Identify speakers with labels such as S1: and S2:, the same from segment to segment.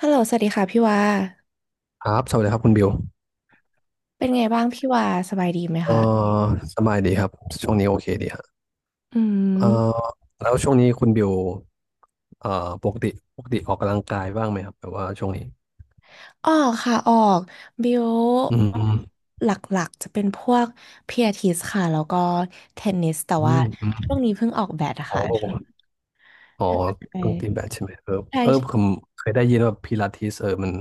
S1: ฮัลโหลสวัสดีค่ะพี่วา
S2: ครับสวัสดีครับคุณบิว
S1: เป็นไงบ้างพี่วาสบายดีไหม
S2: เอ่อ
S1: คะ
S2: สบายดีครับช่วงนี้โอเคดีฮะ
S1: อื
S2: เอ่อ
S1: ม
S2: แล้วช่วงนี้คุณบิวเอ่อปกติปกติออกกำลังกายบ้างไหมครับแบบว่าช่วงนี้
S1: ออกค่ะออก บิว
S2: อื
S1: ออ
S2: ม
S1: กหลักๆจะเป็นพวกเพียทิสค่ะแล้วก็เทนนิสแต่
S2: อื
S1: ว่า
S2: มอื
S1: ช่
S2: ม
S1: วงนี้เพิ่งออกแบดอะ
S2: อ๋
S1: ค่ะ
S2: ออ๋อต้องตีแบ
S1: ใช่
S2: ดใช่ไหมเออเออผ
S1: ใช่
S2: มเคยได้ยินว่าพิลาทิสเออมัน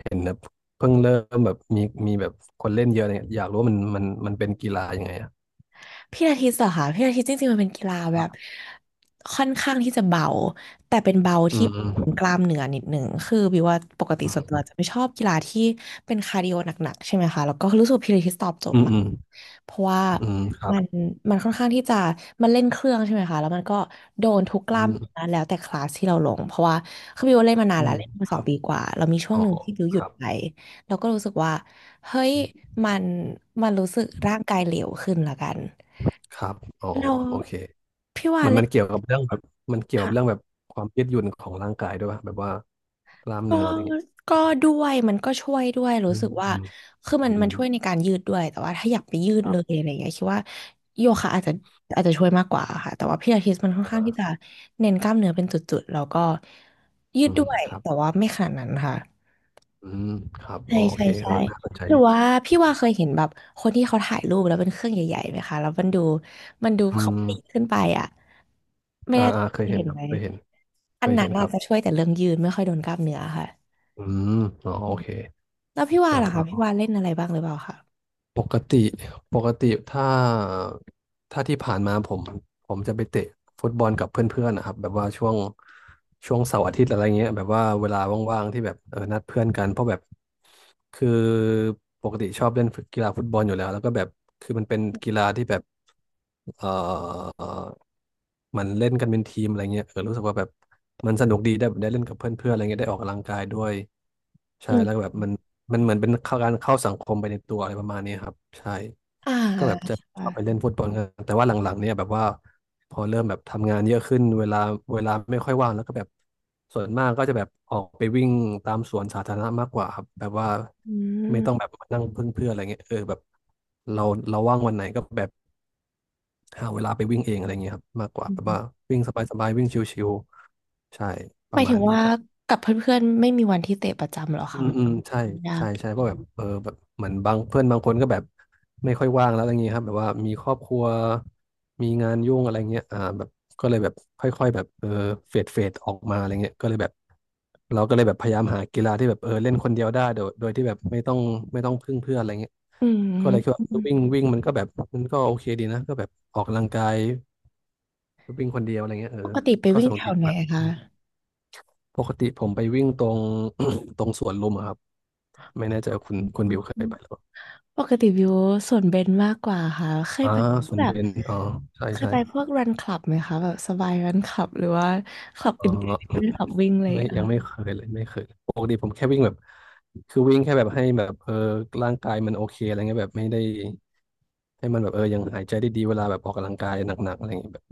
S2: เห็นแบบเพิ่งเริ่มแบบมีแบบคนเล่นเยอะอะไรเงี้ยอยากรู้ว่ามันเป็นกีฬายังไงอะ
S1: พี่อาทิตย์เหรอคะพี่อาทิตย์จริงๆมันเป็นกีฬา
S2: ค
S1: แบ
S2: รั
S1: บ
S2: บ
S1: ค่อนข้างที่จะเบาแต่เป็นเบา
S2: อื
S1: ที่ก
S2: ม
S1: ล้ามเนื้อนิดหนึ่งคือบิวว่าปกติส่วนตัวจะไม่ชอบกีฬาที่เป็นคาร์ดิโอหนักๆใช่ไหมคะแล้วก็รู้สึกว่าพิลาทิตย์ตอบโจท
S2: อื
S1: ย์
S2: ม
S1: มาก
S2: อืม
S1: เพราะว่า
S2: อืมอืมครับ
S1: มันมันค่อนข้างที่จะมันเล่นเครื่องใช่ไหมคะแล้วมันก็โดนทุกก
S2: อื
S1: ล้าม
S2: ม
S1: เนื้อแล้วแต่คลาสที่เราลงเพราะว่าคือบิวเล่นมานาน
S2: อื
S1: แล้ว
S2: ม
S1: เล่นมา
S2: ค
S1: สอ
S2: รั
S1: ง
S2: บ
S1: ปีกว่าเรามีช่ว
S2: อ๋
S1: ง
S2: อ
S1: หนึ่งที่บิวหยุ
S2: ค
S1: ด
S2: รับ
S1: ไปเราก็รู้สึกว่าเฮ้ยมันรู้สึกร่างกายเหลวขึ้นละกัน
S2: ครับอ๋อ
S1: เรา
S2: โอเค
S1: พี่ว่า
S2: เหมือน
S1: เล่
S2: มั
S1: น
S2: นเกี่ยวกับเรื่องแบบมันเกี่ยวกับเรื่องแบ
S1: ค่ะ
S2: บความยืดหยุ่นของร่างกายด้วยป่ะแบบว่ากล้าม
S1: ก็
S2: เนื้ออะไรอย่างเงี้ย
S1: ก็ด้วยมันก็ช่วยด้วยรู้
S2: อื
S1: สึ
S2: ม
S1: กว่า
S2: อืม
S1: คือมั
S2: อื
S1: นมัน
S2: ม
S1: ช่วยในการยืดด้วยแต่ว่าถ้าอยากไปยืด
S2: ครั
S1: เล
S2: บ
S1: ยอะไรอย่างเงี้ยคิดว่าโยคะอาจจะช่วยมากกว่าค่ะแต่ว่าพี่อาทิตย์มันค่อนข้างที่จะ
S2: อ่า
S1: เน้นกล้ามเนื้อเป็นจุดๆแล้วก็ยื
S2: อื
S1: ด
S2: ม
S1: ด้วย
S2: ครับ
S1: แต่ว่าไม่ขนาดนั้นค่ะ
S2: อืมครับ
S1: ใช่
S2: อ๋อโอ
S1: ใช่
S2: เค เออ
S1: ใช่
S2: น่าสนใจ
S1: หรือ
S2: ดิ
S1: ว่าพี่ว่าเคยเห็นแบบคนที่เขาถ่ายรูปแล้วเป็นเครื่องใหญ่ๆไหมคะแล้วมันดู
S2: อื
S1: เขา
S2: ม
S1: ปีนขึ้นไปอ่ะไม่
S2: อ่า
S1: แน่ใจ
S2: อ่าเค
S1: เค
S2: ย
S1: ย
S2: เห็น
S1: เห็น
S2: ครั
S1: ไห
S2: บ
S1: ม
S2: เคยเห็นเค
S1: อัน
S2: ย
S1: นั้
S2: เห็
S1: น
S2: นค
S1: อา
S2: รั
S1: จ
S2: บ
S1: จะช่วยแต่เรื่องยืนไม่ค่อยโดนกล้ามเนื้อค่ะ
S2: อืมอ๋อ
S1: อื
S2: โอ
S1: ม
S2: เค
S1: แล้วพี่ว่าล่ะคะพี่
S2: เออ
S1: ว่าเล่นอะไรบ้างหรือเปล่าคะ
S2: ปกติปกติถ้าที่ผ่านมาผมจะไปเตะฟุตบอลกับเพื่อนๆนะครับแบบว่าช่วงเสาร์อาทิตย์อะไรเงี้ยแบบว่าเวลาว่างๆที่แบบเออนัดเพื่อนกันเพราะแบบคือปกติชอบเล่นกีฬาฟุตบอลอยู่แล้วแล้วก็แบบคือมันเป็นกีฬาที่แบบเอ่อ อมันเล่นกันเป็นทีมอะไรเงี้ยเออรู้สึกว่าแบบมันสนุกดีได้แบบได้เล่นกับเพื่อนๆอะไรเงี้ยได้ออกกำลังกายด้วยใช่
S1: อืม
S2: แล้วก็แบบมันเหมือนเป็นเข้าการเข้าสังคมไปในตัวอะไรประมาณนี้ครับใช่
S1: อ่า
S2: ก็แบบจะชอบไปเล่
S1: ค่ะ
S2: นฟุตบอลกันแต่ว่าหลังๆเนี่ยแบบว่าพอเริ่มแบบทำงานเยอะขึ้นเวลาไม่ค่อยว่างแล้วก็แบบส่วนมากก็จะแบบออกไปวิ่งตามสวนสาธารณะมากกว่าครับแบบว่า
S1: อื
S2: ไม่
S1: ม
S2: ต้องแบบมานั่งพึ่งเพื่อนอะไรเงี้ยเออแบบเราเราว่างวันไหนก็แบบ หาเวลาไปวิ่งเองอะไรเงี้ยครับมากกว่า
S1: อื
S2: แบบว่า
S1: ม
S2: วิ่งสบายๆวิ่งชิวๆใช่ป
S1: หมา
S2: ระ
S1: ย
S2: มา
S1: ถึ
S2: ณ
S1: ง
S2: นี้
S1: ว่า
S2: ครับ
S1: กับเพื่อนๆไม่มีวันที่เตะประจำเหรอ
S2: อื
S1: คะ
S2: ม
S1: มั
S2: อืมใช่
S1: นยา
S2: ใช่
S1: ก
S2: ใช่เพราะแบบเออแบบเหมือนบางเพื่อนบางคนก็แบบไม่ค่อยว่างแล้วอะไรเงี้ยครับแบบว่ามีครอบครัวมีงานยุ่งอะไรเงี้ยอ่าแบบก็เลยแบบค่อยๆแบบเออเฟดออกมาอะไรเงี้ยก็เลยแบบเราก็เลยแบบพยายามหากีฬาที่แบบเออเล่นคนเดียวได้โดยที่แบบไม่ต้องพึ่งเพื่อนอะไรเงี้ย
S1: อื
S2: ก็เลยคิด
S1: ม
S2: ว่าวิ่งวิ่งมันก็แบบมันก็โอเคดีนะก็แบบออกกำลังกาย วิ่งคนเดียวอะไรเงี้ยเออ
S1: ปกติไป
S2: ก็
S1: วิ่
S2: ส
S1: ง
S2: นุ
S1: แถ
S2: กดี
S1: วไหน
S2: แบบ
S1: คะ
S2: ปกติผมไปวิ่งตรง ตรงสวนลุมอะครับไม่แน่ใจว่าคุณ
S1: อ๋
S2: บิว
S1: อ
S2: เคยไปหรือเปล่า
S1: ปกติวิวส่วนเบนมากกว่าค่ะเคย
S2: อ่า
S1: ไป
S2: สวน
S1: แบ
S2: เบ
S1: บ
S2: ญอ๋อใช่
S1: เคย
S2: ใช่
S1: ไปพวกรันคลับไหมคะแบบสบายรันคลับหรือว่าคลับ
S2: อ๋อ
S1: อื่นๆคลับ วิ่งอะไรอย่าง
S2: ไม่
S1: เลยอะ
S2: ยัง
S1: ค่ะ
S2: ไม่เคยเลยไม่เคยปกติผมแค่วิ่งแบบคือวิ่งแค่แบบให้แบบเออร่างกายมันโอเคอะไรเงี้ยแบบไม่ได้ให้มันแบบเออยังหายใจได้ดีเวลาแบบออกกำลังกายหนักๆอะไรเงี้ยแบบ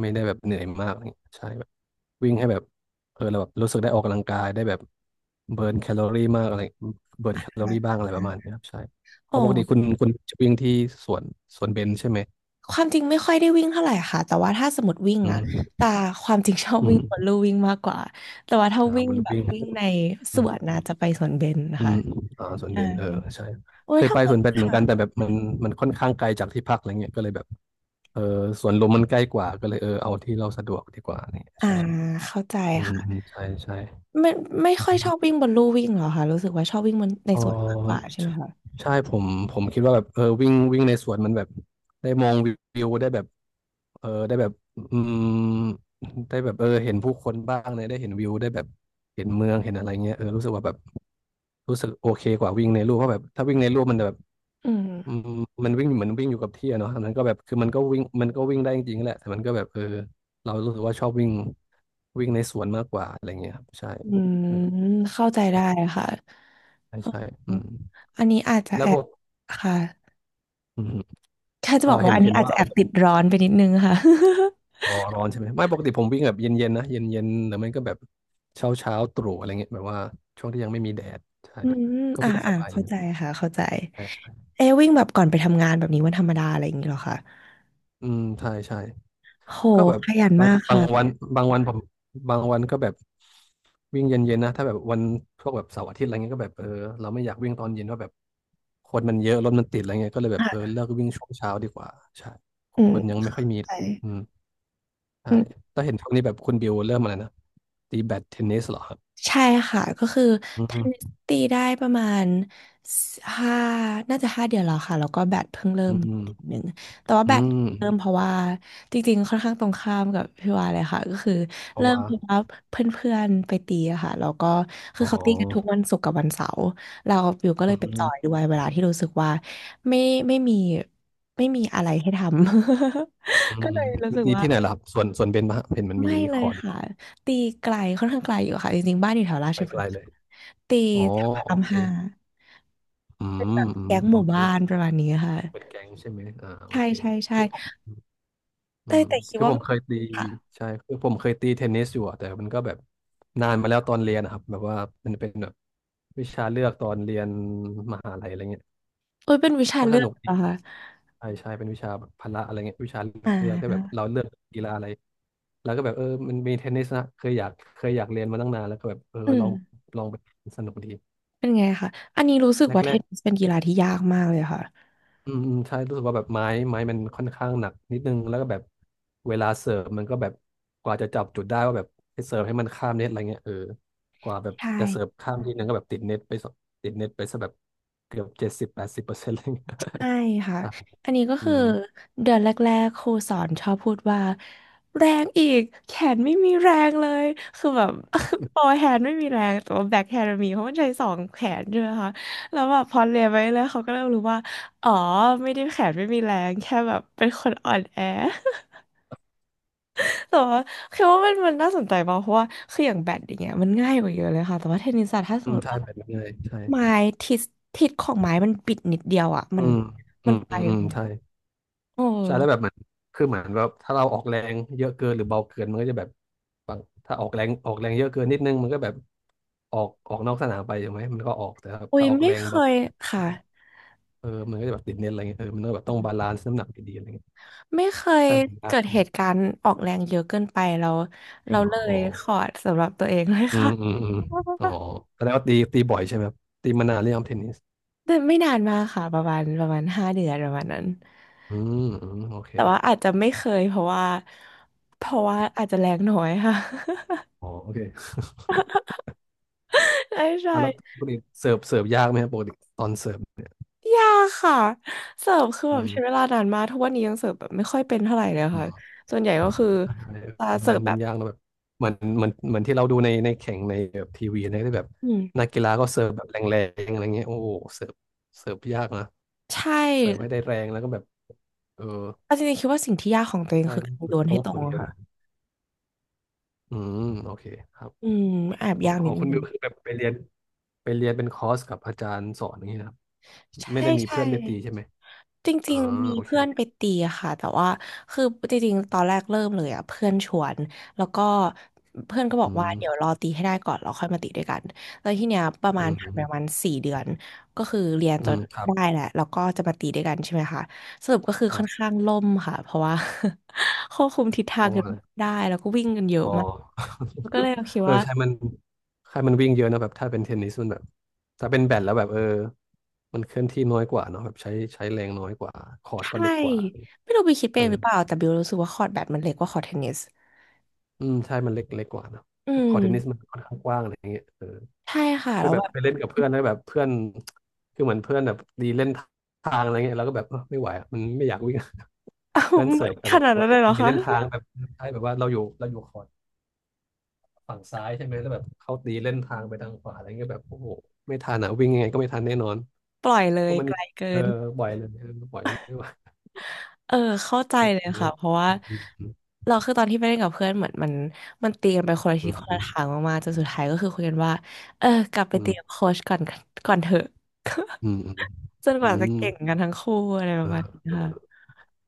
S2: ไม่ได้แบบเหนื่อยมากอะไรเงี้ยใช่ วิ่งให้แบบเออเราแบบรู้สึกได้ออกกำลังกายได้แบบเบิร์นแคลอรี่มากอะไรเบิร์นแคลอ
S1: อ
S2: รี่บ้างอะไรประมาณนี้ครับใช่เพ
S1: อ๋อ
S2: ราะปกติคุณจะวิ่งที่สวนสวนเบญใช่ไหม
S1: ความจริงไม่ค่อยได้วิ่งเท่าไหร่ค่ะแต่ว่าถ้าสมมติวิ่ง
S2: อื
S1: อ่ะ
S2: ม
S1: แต่ความจริงชอบ
S2: อื
S1: วิ่งบน
S2: ม
S1: ลู่วิ่งมากกว่าแต่ว่าถ้า
S2: อ่า
S1: วิ่
S2: บ
S1: ง
S2: นลู่
S1: แบบ
S2: วิ่ง
S1: วิ่งในส
S2: อื
S1: วน
S2: ม
S1: นะจะไปสวนเบญนะ
S2: อื
S1: คะ
S2: มอ่าสวน
S1: ใช่
S2: เบญเออใช่
S1: โอ้
S2: เค
S1: ย
S2: ยไป
S1: ทำไม
S2: สวนเบญเหมือน
S1: คะ
S2: กันแต่แบบมันค่อนข้างไกลจากที่พักอะไรเงี้ยก็เลยแบบเออสวนลมมันใกล้กว่าก็เลยเออเอาที่เราสะดวกดีกว่าเนี่ย
S1: อ่า
S2: ใช่
S1: เข้าใจ
S2: อืมอืม
S1: ค่ะ
S2: ใช่ใช่
S1: ไม่ไม่ค่อยชอบวิ่งบนลู่วิ่งเหรอคะรู้สึกว่าชอบวิ่งบนใน
S2: เออ
S1: สวนมากกว่าใช่ไหม
S2: ใช่
S1: คะ
S2: ใช่ผมคิดว่าแบบเออวิ่งวิ่งในสวนมันแบบได้มองวิวได้แบบเออได้แบบอืมได้แบบเออเห็นผู้คนบ้างเลยได้เห็นวิวได้แบบเห็นเมืองเห็นอะไรเงี้ยเออรู้สึกว่าแบบรู้สึกโอเคกว่าวิ่งในรูปเพราะแบบถ้าวิ่งในรูปมันแบบ
S1: อื
S2: อื
S1: ม
S2: มมันวิ่งเหมือนวิ่งอยู่กับที่อะเนาะอันนั้นก็แบบคือมันก็วิ่งได้จริงๆแหละแต่มันก็แบบเออเรารู้สึกว่าชอบวิ่งวิ่งในสวนมากกว่าอะไรเงี้ยครับใช่
S1: อืม
S2: เออ
S1: เข้าใจ
S2: ใช่
S1: ได้ค่ะ
S2: ใช่ใช่
S1: อ
S2: อื
S1: ม
S2: ม
S1: อันนี้อาจจะ
S2: แล้
S1: แอ
S2: วป
S1: บ
S2: ก
S1: ค่ะ
S2: อืม
S1: แค่จะ
S2: เออ
S1: บอก
S2: เห็
S1: ว่า
S2: น
S1: อัน
S2: เห็
S1: นี้
S2: น
S1: อาจ
S2: ว่า
S1: จะแอบติดร้อนไปนิดนึงค่ะ
S2: อ๋อร้อนใช่ไหมไม่ปกติผมวิ่งแบบเย็นๆนะเย็นๆหรือไม่ก็แบบเช้าตรู่อะไรเงี้ยแบบว่าช่วงที่ยังไม่มีแดดใช่
S1: อืม
S2: ก็
S1: อ่า
S2: วิ่งส
S1: อ่า
S2: บายดี
S1: เข้าใจค่ะเข้าใจ
S2: ใช่ใช่
S1: เอะวิ่งแบบก่อนไปทำงานแบบนี้วันธรรมดาอะไรอย่างนี้เหรอคะ
S2: อืมใช่ใช่
S1: โห
S2: ก็แบบ
S1: ขยัน
S2: บาง
S1: มาก
S2: บา
S1: ค่ะ
S2: งวันบางวันผมบางวันก็แบบวิ่งเย็นๆนะถ้าแบบวันพวกแบบเสาร์อาทิตย์อะไรเงี้ยก็แบบเออเราไม่อยากวิ่งตอนเย็นว่าแบบคนมันเยอะรถมันติดอะไรเงี้ยก็เลยแบบเออ
S1: ค่ะ
S2: เลิกวิ่งช่วงเช้าดีกว่าใช่
S1: อื
S2: ค
S1: ม
S2: นยังไม่ค่อยมี
S1: ใช่
S2: อืมใช่แต่เห็นช่วงนี้แบบคุณบิวเริ่มอะไรนะตีแบดเทนนิสเหรอครับ
S1: ใช่ค่ะก็คือ
S2: อื
S1: ทำนิส
S2: ม
S1: ตีได้ประมาณห้าน่าจะห้าเดือนแล้วค่ะแล้วก็แบดเพิ่งเริ่
S2: อื
S1: มเดือน
S2: ม
S1: หนึ่งแต่ว่าแบ
S2: อื
S1: ด
S2: ม
S1: เริ่มเพราะว่าจริงๆค่อนข้างตรงข้ามกับพี่วาเลยค่ะก็คือ
S2: เพราะ
S1: เริ่ม
S2: ว่า
S1: เพราะว่าเพื่อนๆไปตีอะค่ะแล้วก็คื
S2: อ๋
S1: อเขาตีกันทุก
S2: อ
S1: วันศุกร์กับวันเสาร์เราอยู่ก็เล
S2: อื
S1: ยไปจอ
S2: ม
S1: ยด้วยเวลาที่รู้สึกว่าไม่ไม่มีไม่มีอะไรให้ทำ
S2: อื ม
S1: ก็เลยรู้สึก
S2: ดี
S1: ว่า
S2: ที่ไหนล่ะครับส่วนเบนมาเห็นมัน
S1: ไม่
S2: มี
S1: เล
S2: ข
S1: ย
S2: อดู
S1: ค่ะตีไกลค่อนข้างไกลอยู่ค่ะจริงๆบ้านอยู่แถวรา
S2: ไป
S1: ชพ
S2: ไก
S1: ฤ
S2: ล
S1: กษ์
S2: เล
S1: ค่ะ
S2: ย
S1: ตี
S2: อ๋อ
S1: แถวพระ
S2: โอ
S1: ราม
S2: เค
S1: ห้า
S2: อืมอืม
S1: แก๊งห
S2: โอ
S1: มู่
S2: เค
S1: บ้านประมาณนี้ค่ะ
S2: เปิดแกงใช่ไหมอ่าโอ
S1: ใช่
S2: เค
S1: ใช่ใช่
S2: คือผมอื
S1: แต่
S2: ม
S1: แต่คิด
S2: คือ
S1: ว่า
S2: ผม
S1: มัน
S2: เคยตี
S1: ค่ะ
S2: ใช่คือผมเคยตีเทนนิสอยู่อะแต่มันก็แบบนานมาแล้วตอนเรียนนะครับ แบบว่ามันเป็นแบบวิชาเลือกตอนเรียนมหาลัยอะไรเงี้ย
S1: เอ้ยเป็นวิชา
S2: ก็
S1: เลื
S2: ส
S1: อก
S2: นุก
S1: เหร
S2: ดี
S1: อคะ
S2: ใช่ใช่เป็นวิชาแบบพละอะไรเงี้ยวิชา
S1: อ่
S2: เลือกก็แบบ
S1: า
S2: เราเลือกกีฬาอะไรแล้วก็แบบเออมันมีเทนนิสนะเคยอยากเรียนมาตั้งนานแล้วก็แบบเออ
S1: อื
S2: ล
S1: ม
S2: องลองไปสนุกดี
S1: เป็นไงคะอันนี้รู้สึกว่าเท
S2: แรก
S1: นนิสเป็นกีฬาที่ยากมากเลยค่ะ
S2: ๆอืมอืมใช่รู้สึกว่าแบบไม้มันค่อนข้างหนักนิดนึงแล้วก็แบบเวลาเสิร์ฟมันก็แบบกว่าจะจับจุดได้ว่าแบบให้เสิร์ฟให้มันข้ามเน็ตอะไรเงี้ยเออกว่าแบบ
S1: ใช่
S2: จะเสิร์ฟข้ามทีนึงก็แบบติดเน็ตไปสติดเน็ตไปซะแบบเกือบ70-80%อะไรเงี้ย
S1: ใช่ค่ะ
S2: อ่ะ
S1: อันนี้ก็
S2: อื
S1: คือ
S2: ม
S1: เดือนแรกๆครูสอนชอบพูดว่าแรงอีกแขนไม่มีแรงเลยคือแบบ โฟอร์แฮนด์ไม่มีแรงแต่ว่าแบ็คแฮนด์มีเพราะมันใช้สองแขนใช่ไหมคะแล้วแบบพอเรียนไปเรื่อยเขาก็เริ่มรู้ว่าอ๋อไม่ได้แขนไม่มีแรงแค่แบบเป็นคนอ่อนแอ แต่ว่าคิดว่ามันน่าสนใจมากเพราะว่าคืออย่างแบดอย่างเงี้ยมันง่ายกว่าเยอะเลยค่ะแต่ว่าเทนนิสอะถ้าส
S2: อื
S1: ม
S2: ม
S1: มติ
S2: ใช่
S1: ว่า
S2: แบบนั้นเลยใช่
S1: ไม้ทิศทิศของไม้มันบิดนิดเดียวอ่ะ
S2: อื
S1: มัน
S2: มอื
S1: มัน
S2: ม
S1: ไป
S2: อืมอื
S1: เล
S2: ม
S1: ยอะ
S2: ใช่
S1: โอ้
S2: ใช่แล้วแบบเหมือนคือเหมือนแบบถ้าเราออกแรงเยอะเกินหรือเบาเกิน มันก็จะแบบบางถ้าออกแรงเยอะเกินนิดนึงมันก็แบบออกนอกสนามไปใช่ไหมมันก็ออกแต่ถ้า
S1: อุ้ย
S2: ถ้าออก
S1: ไม่
S2: แรง
S1: เค
S2: แบบ
S1: ยค่ะ
S2: เออมันก็จะแบบติดเน็ตอะไรเงี้ยเออมันก็แบบต้องบาลานซ์น้ำหนักดีๆอะไรเงี้ย
S1: ไม่เคย
S2: ใช่มันยาก
S1: เกิดเหตุการณ์ออกแรงเยอะเกินไปเรา
S2: จริงเหร
S1: เล
S2: อ
S1: ย
S2: อ๋อ
S1: ขอดเองเลย
S2: อืม
S1: ค่ะ
S2: อืมอืมอ๋อแสดงว่าตีบ่อยใช่ไหมครับตีมานานหรือยังเทนนิส
S1: แต่ไม่นานมากค่ะประมาณห้าเดือนประมาณนั้น
S2: อืมอืมโอเค
S1: แต่ว่าอาจจะไม่เคยเพราะว่าอาจจะแรงน้อยค่ะ
S2: อ๋อโอเค
S1: ใช่ใช่
S2: อ่ะแล้วปกติเสิร์ฟยากไหมครับปกติตอนเสิร์ฟ
S1: ยากค่ะเสิร์ฟคือแบ
S2: อื
S1: บ
S2: ม
S1: ใช้เวลานานมากทุกวันนี้ยังเสิร์ฟแบบไม่ค่อยเป็นเท่าไหร่เลยค่ะส่วนใหญ่ก็คือ
S2: ใช่
S1: จะเสิ
S2: เมั
S1: ร์ฟ
S2: น
S1: แบ
S2: มัน
S1: บ
S2: ยากนะแบบเหมือนเหมือนเหมือนที่เราดูในแข่งในแบบทีวีนะที่แบบ
S1: อืม
S2: นักกีฬาก็เสิร์ฟแบบแรงๆอะไรเงี้ยโอ้โหเสิร์ฟเสิร์ฟยากนะ
S1: ใช
S2: เสิร์ฟให้
S1: ่
S2: ได้แรงแล้วก็แบบเออ
S1: เอาจริงๆคิดว่าสิ่งที่ยากของตัวเอง
S2: ใช่
S1: คือ
S2: ต้อ
S1: กา
S2: ง
S1: ร
S2: ฝึ
S1: โย
S2: ก
S1: น
S2: ต้
S1: ให้
S2: อง
S1: ตร
S2: ฝึ
S1: ง
S2: กเย
S1: อะ
S2: อะ
S1: ค่ะ
S2: มากอืมโอเคครับ
S1: อืมแอบยาก
S2: ขอ
S1: นิ
S2: ง
S1: ด
S2: คุณ
S1: นึ
S2: บิ
S1: ง
S2: วคือแบบไปเรียนเป็นคอร์สกับอาจารย์สอนอย่างนี้นะครับไม่
S1: ใช่
S2: ได้มี
S1: ใช่
S2: เพื่อนไปตีใช่ไหม
S1: จ
S2: อ๋อ
S1: ริงๆมี
S2: โอเค
S1: เพื่อนไปตีอะค่ะแต่ว่าคือจริงๆตอนแรกเริ่มเลยอ่ะเพื่อนชวนแล้วก็เพื่อนก็บอ
S2: อื
S1: กว่า
S2: ม
S1: เดี๋ยวรอตีให้ได้ก่อนแล้วค่อยมาตีด้วยกันแล้วทีเนี้ยประ
S2: อื
S1: มาณ
S2: ม
S1: ผ่า
S2: อื
S1: นไป
S2: ม
S1: ประมาณสี่เดือนก็คือเรียน
S2: อื
S1: จน
S2: มครับ
S1: ได้แหละแล้วก็จะมาตีด้วยกันใช่ไหมคะสรุปก็คือ
S2: ครั
S1: ค่อน
S2: บ
S1: ข้างล่มค่ะเพราะว่า ควบคุมทิศทา
S2: เพ
S1: ง
S2: ราะ
S1: กัน
S2: ว่า
S1: ไม่ได้แล้วก็วิ่งกันเยอะ
S2: อ๋อ
S1: มากก็เลยคิ ด
S2: เออ
S1: ว่า
S2: ใช่มันใช่มันวิ่งเยอะนะแบบถ้าเป็นเทนนิสมันแบบถ้าเป็นแบดแล้วแบบเออมันเคลื่อนที่น้อยกว่าเนาะแบบใช้แรงน้อยกว่าคอร์ตก็
S1: ใช่
S2: เล็กกว่า
S1: ไม่รู้ไปคิด
S2: เอ
S1: เองห
S2: อ
S1: รือเปล่าแต่บิวรู้สึกว่าคอร์ตแบดมันเล็กกว่าคอร์ตเทนนิส
S2: อืมใช่มันเล็กกว่าเนอะ
S1: อื
S2: คอ
S1: ม
S2: ร์ตเทนนิสมันค่อนข้างกว้างอะไรอย่างเงี้ยเออ
S1: ใช่ค่ะ
S2: คือ
S1: แล้ว
S2: แบบ
S1: แบบ
S2: ไปเล่นกับเพื่อนแล้วแบบเพื่อนคือเหมือนเพื่อนแบบดีเล่นทางอะไรเงี้ยแราก็แบบเออไม่ไหวอะมันไม่อยากวิ่ง เพื่อนเสิร์ฟ
S1: ข
S2: แบบ
S1: นาดนั้
S2: ว่า
S1: นเลยเหรอ
S2: ดี
S1: คะ
S2: เล่นทางแบบใช่แบบว่าเราอยู่คอร์ต ฝั่งซ้ายใช่ไหมแล้วแบบเขาตีเล่นทางไปทางขวาอะไรเงี้ยแบบโอ้โหไม่ทันอ่ะวิ่งยังไงก็ไม่ทันแน่นอน
S1: ปล่อยเล
S2: เพ
S1: ย
S2: ราะมัน
S1: ไกลเกิ
S2: เออ
S1: น
S2: บ่อยเลยปล่อยไม่ไหว
S1: เออเข้าใจเลย
S2: เน
S1: ค่ะ
S2: อะ
S1: เพราะว่า
S2: อืม
S1: เราคือตอนที่ไปเล่นกับเพื่อนเหมือนมันตีกันไปคนละทิศคนละทางมากๆจนสุดท้ายก็คือคุยกันว่าเออกลับไป
S2: อื
S1: ตีกับ
S2: ม
S1: โค้ชก่อนก่อนเถอะ
S2: อืมอืม
S1: จนก
S2: อืม
S1: ว่า
S2: อื
S1: จะ
S2: ม
S1: เก่งกันทั้งคู่อะไรป
S2: เอ
S1: ระมา
S2: อ
S1: ณนี้
S2: เอ
S1: ค่ะ
S2: อ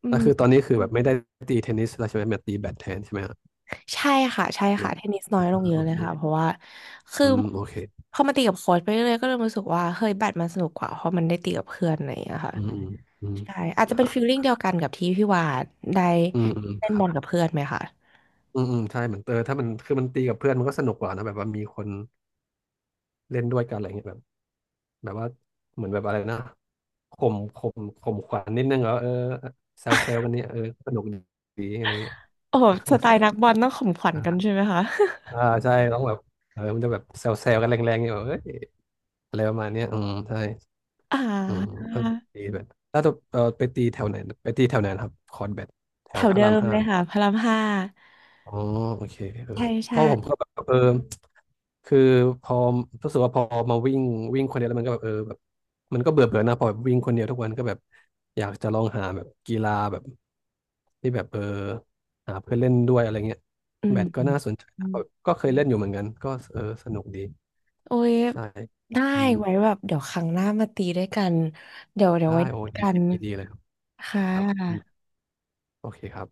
S1: อื
S2: แล้
S1: ม
S2: วคือตอนนี้คือแบบไม่ได้ตีเทนนิสแล้วใช่ไหมมาตีแบดแทนใช่ไหมฮะ
S1: ใช่ค่ะใช่
S2: หรื
S1: ค่ะ
S2: อ
S1: เทนนิสน้อ
S2: อ่า
S1: ยลงเยอะ
S2: โอ
S1: เล
S2: เค
S1: ยค่ะเพราะว่าคือ
S2: อืมโอเค
S1: พอมาตีกับโค้ชไปเรื่อยๆก็เริ่มรู้สึกว่าเฮ้ยแบดมันสนุกกว่าเพราะมันได้ตีกับเพื่อนอะไรอย่างเงี้ยค่ะ
S2: อืมอืมอืม
S1: ใช่อาจจะ
S2: อ่า
S1: เป็นฟีลลิ่งเดียวกันกับที่พี่วาดได้
S2: อืมอืม
S1: เล่
S2: ค
S1: น
S2: รั
S1: บอลกั
S2: บ
S1: บเพื่อนไหมคะ
S2: อืมอืมใช่เหมือนเออถ้ามันคือมันตีกับเพื่อนมันก็สนุกกว่านะแบบว่ามีคนเล่นด้วยกันอะไรเงี้ยแบบ แบบว่าเหมือนแบบอะไรนะข่มข่มขวัญนิดนึงเหรอเออเซลกันเนี่ยเออสนุกดีอะไรเงี้ย
S1: โอ้โหสไตล์นักบอลต้องข่มขวัญกัน ใช่ไหมคะ
S2: อ่าใช่ต้องแบบเออมันจะแบบแซลกันแรงๆเนี่ยแบบเอ้ยอะไรประมาณเนี้ยอืมใช่
S1: อ่า
S2: อืมเออตีแบดถ้าจะเออไปตีแถวไหนไปตีแถวไหนนะครับคอนแบดแถ
S1: แถ
S2: ว
S1: ว
S2: พระ
S1: เดิ
S2: ราม
S1: ม
S2: ห้า
S1: เลยค่ะพระรามห้า
S2: อ๋อโอเคเออ
S1: ใช่
S2: เพ
S1: ใช่
S2: ราะผมก็แบบเออคือพอรู้สึกว่าพอมาวิ่งวิ่งคนเดียวแล้วมันก็แบบเออแบบมันก็เบื่อเบื่อนะพอแบบวิ่งคนเดียวทุกวันก็แบบอยากจะลองหาแบบกีฬาแบบที่แบบเออหาเพื่อนเล่นด้วยอะไรเงี้ย
S1: อื
S2: แบ
S1: ม
S2: ดก็
S1: อืม
S2: น่าสนใจ
S1: อื
S2: นะ
S1: ม
S2: แบบก็เคยเล่นอยู่เหมือนกันก็เออสนุกดี
S1: โอ้ย
S2: ใช่
S1: ได้
S2: อืม
S1: ไว้แบบเดี๋ยวครั้งหน้ามาตีด้วยกันเดี๋ยวไว้
S2: ได้
S1: นั
S2: โอ้
S1: ด
S2: ดี
S1: กัน
S2: ยินดีเลยครับ
S1: ค่
S2: ครับอื
S1: ะ
S2: มโอเคครับ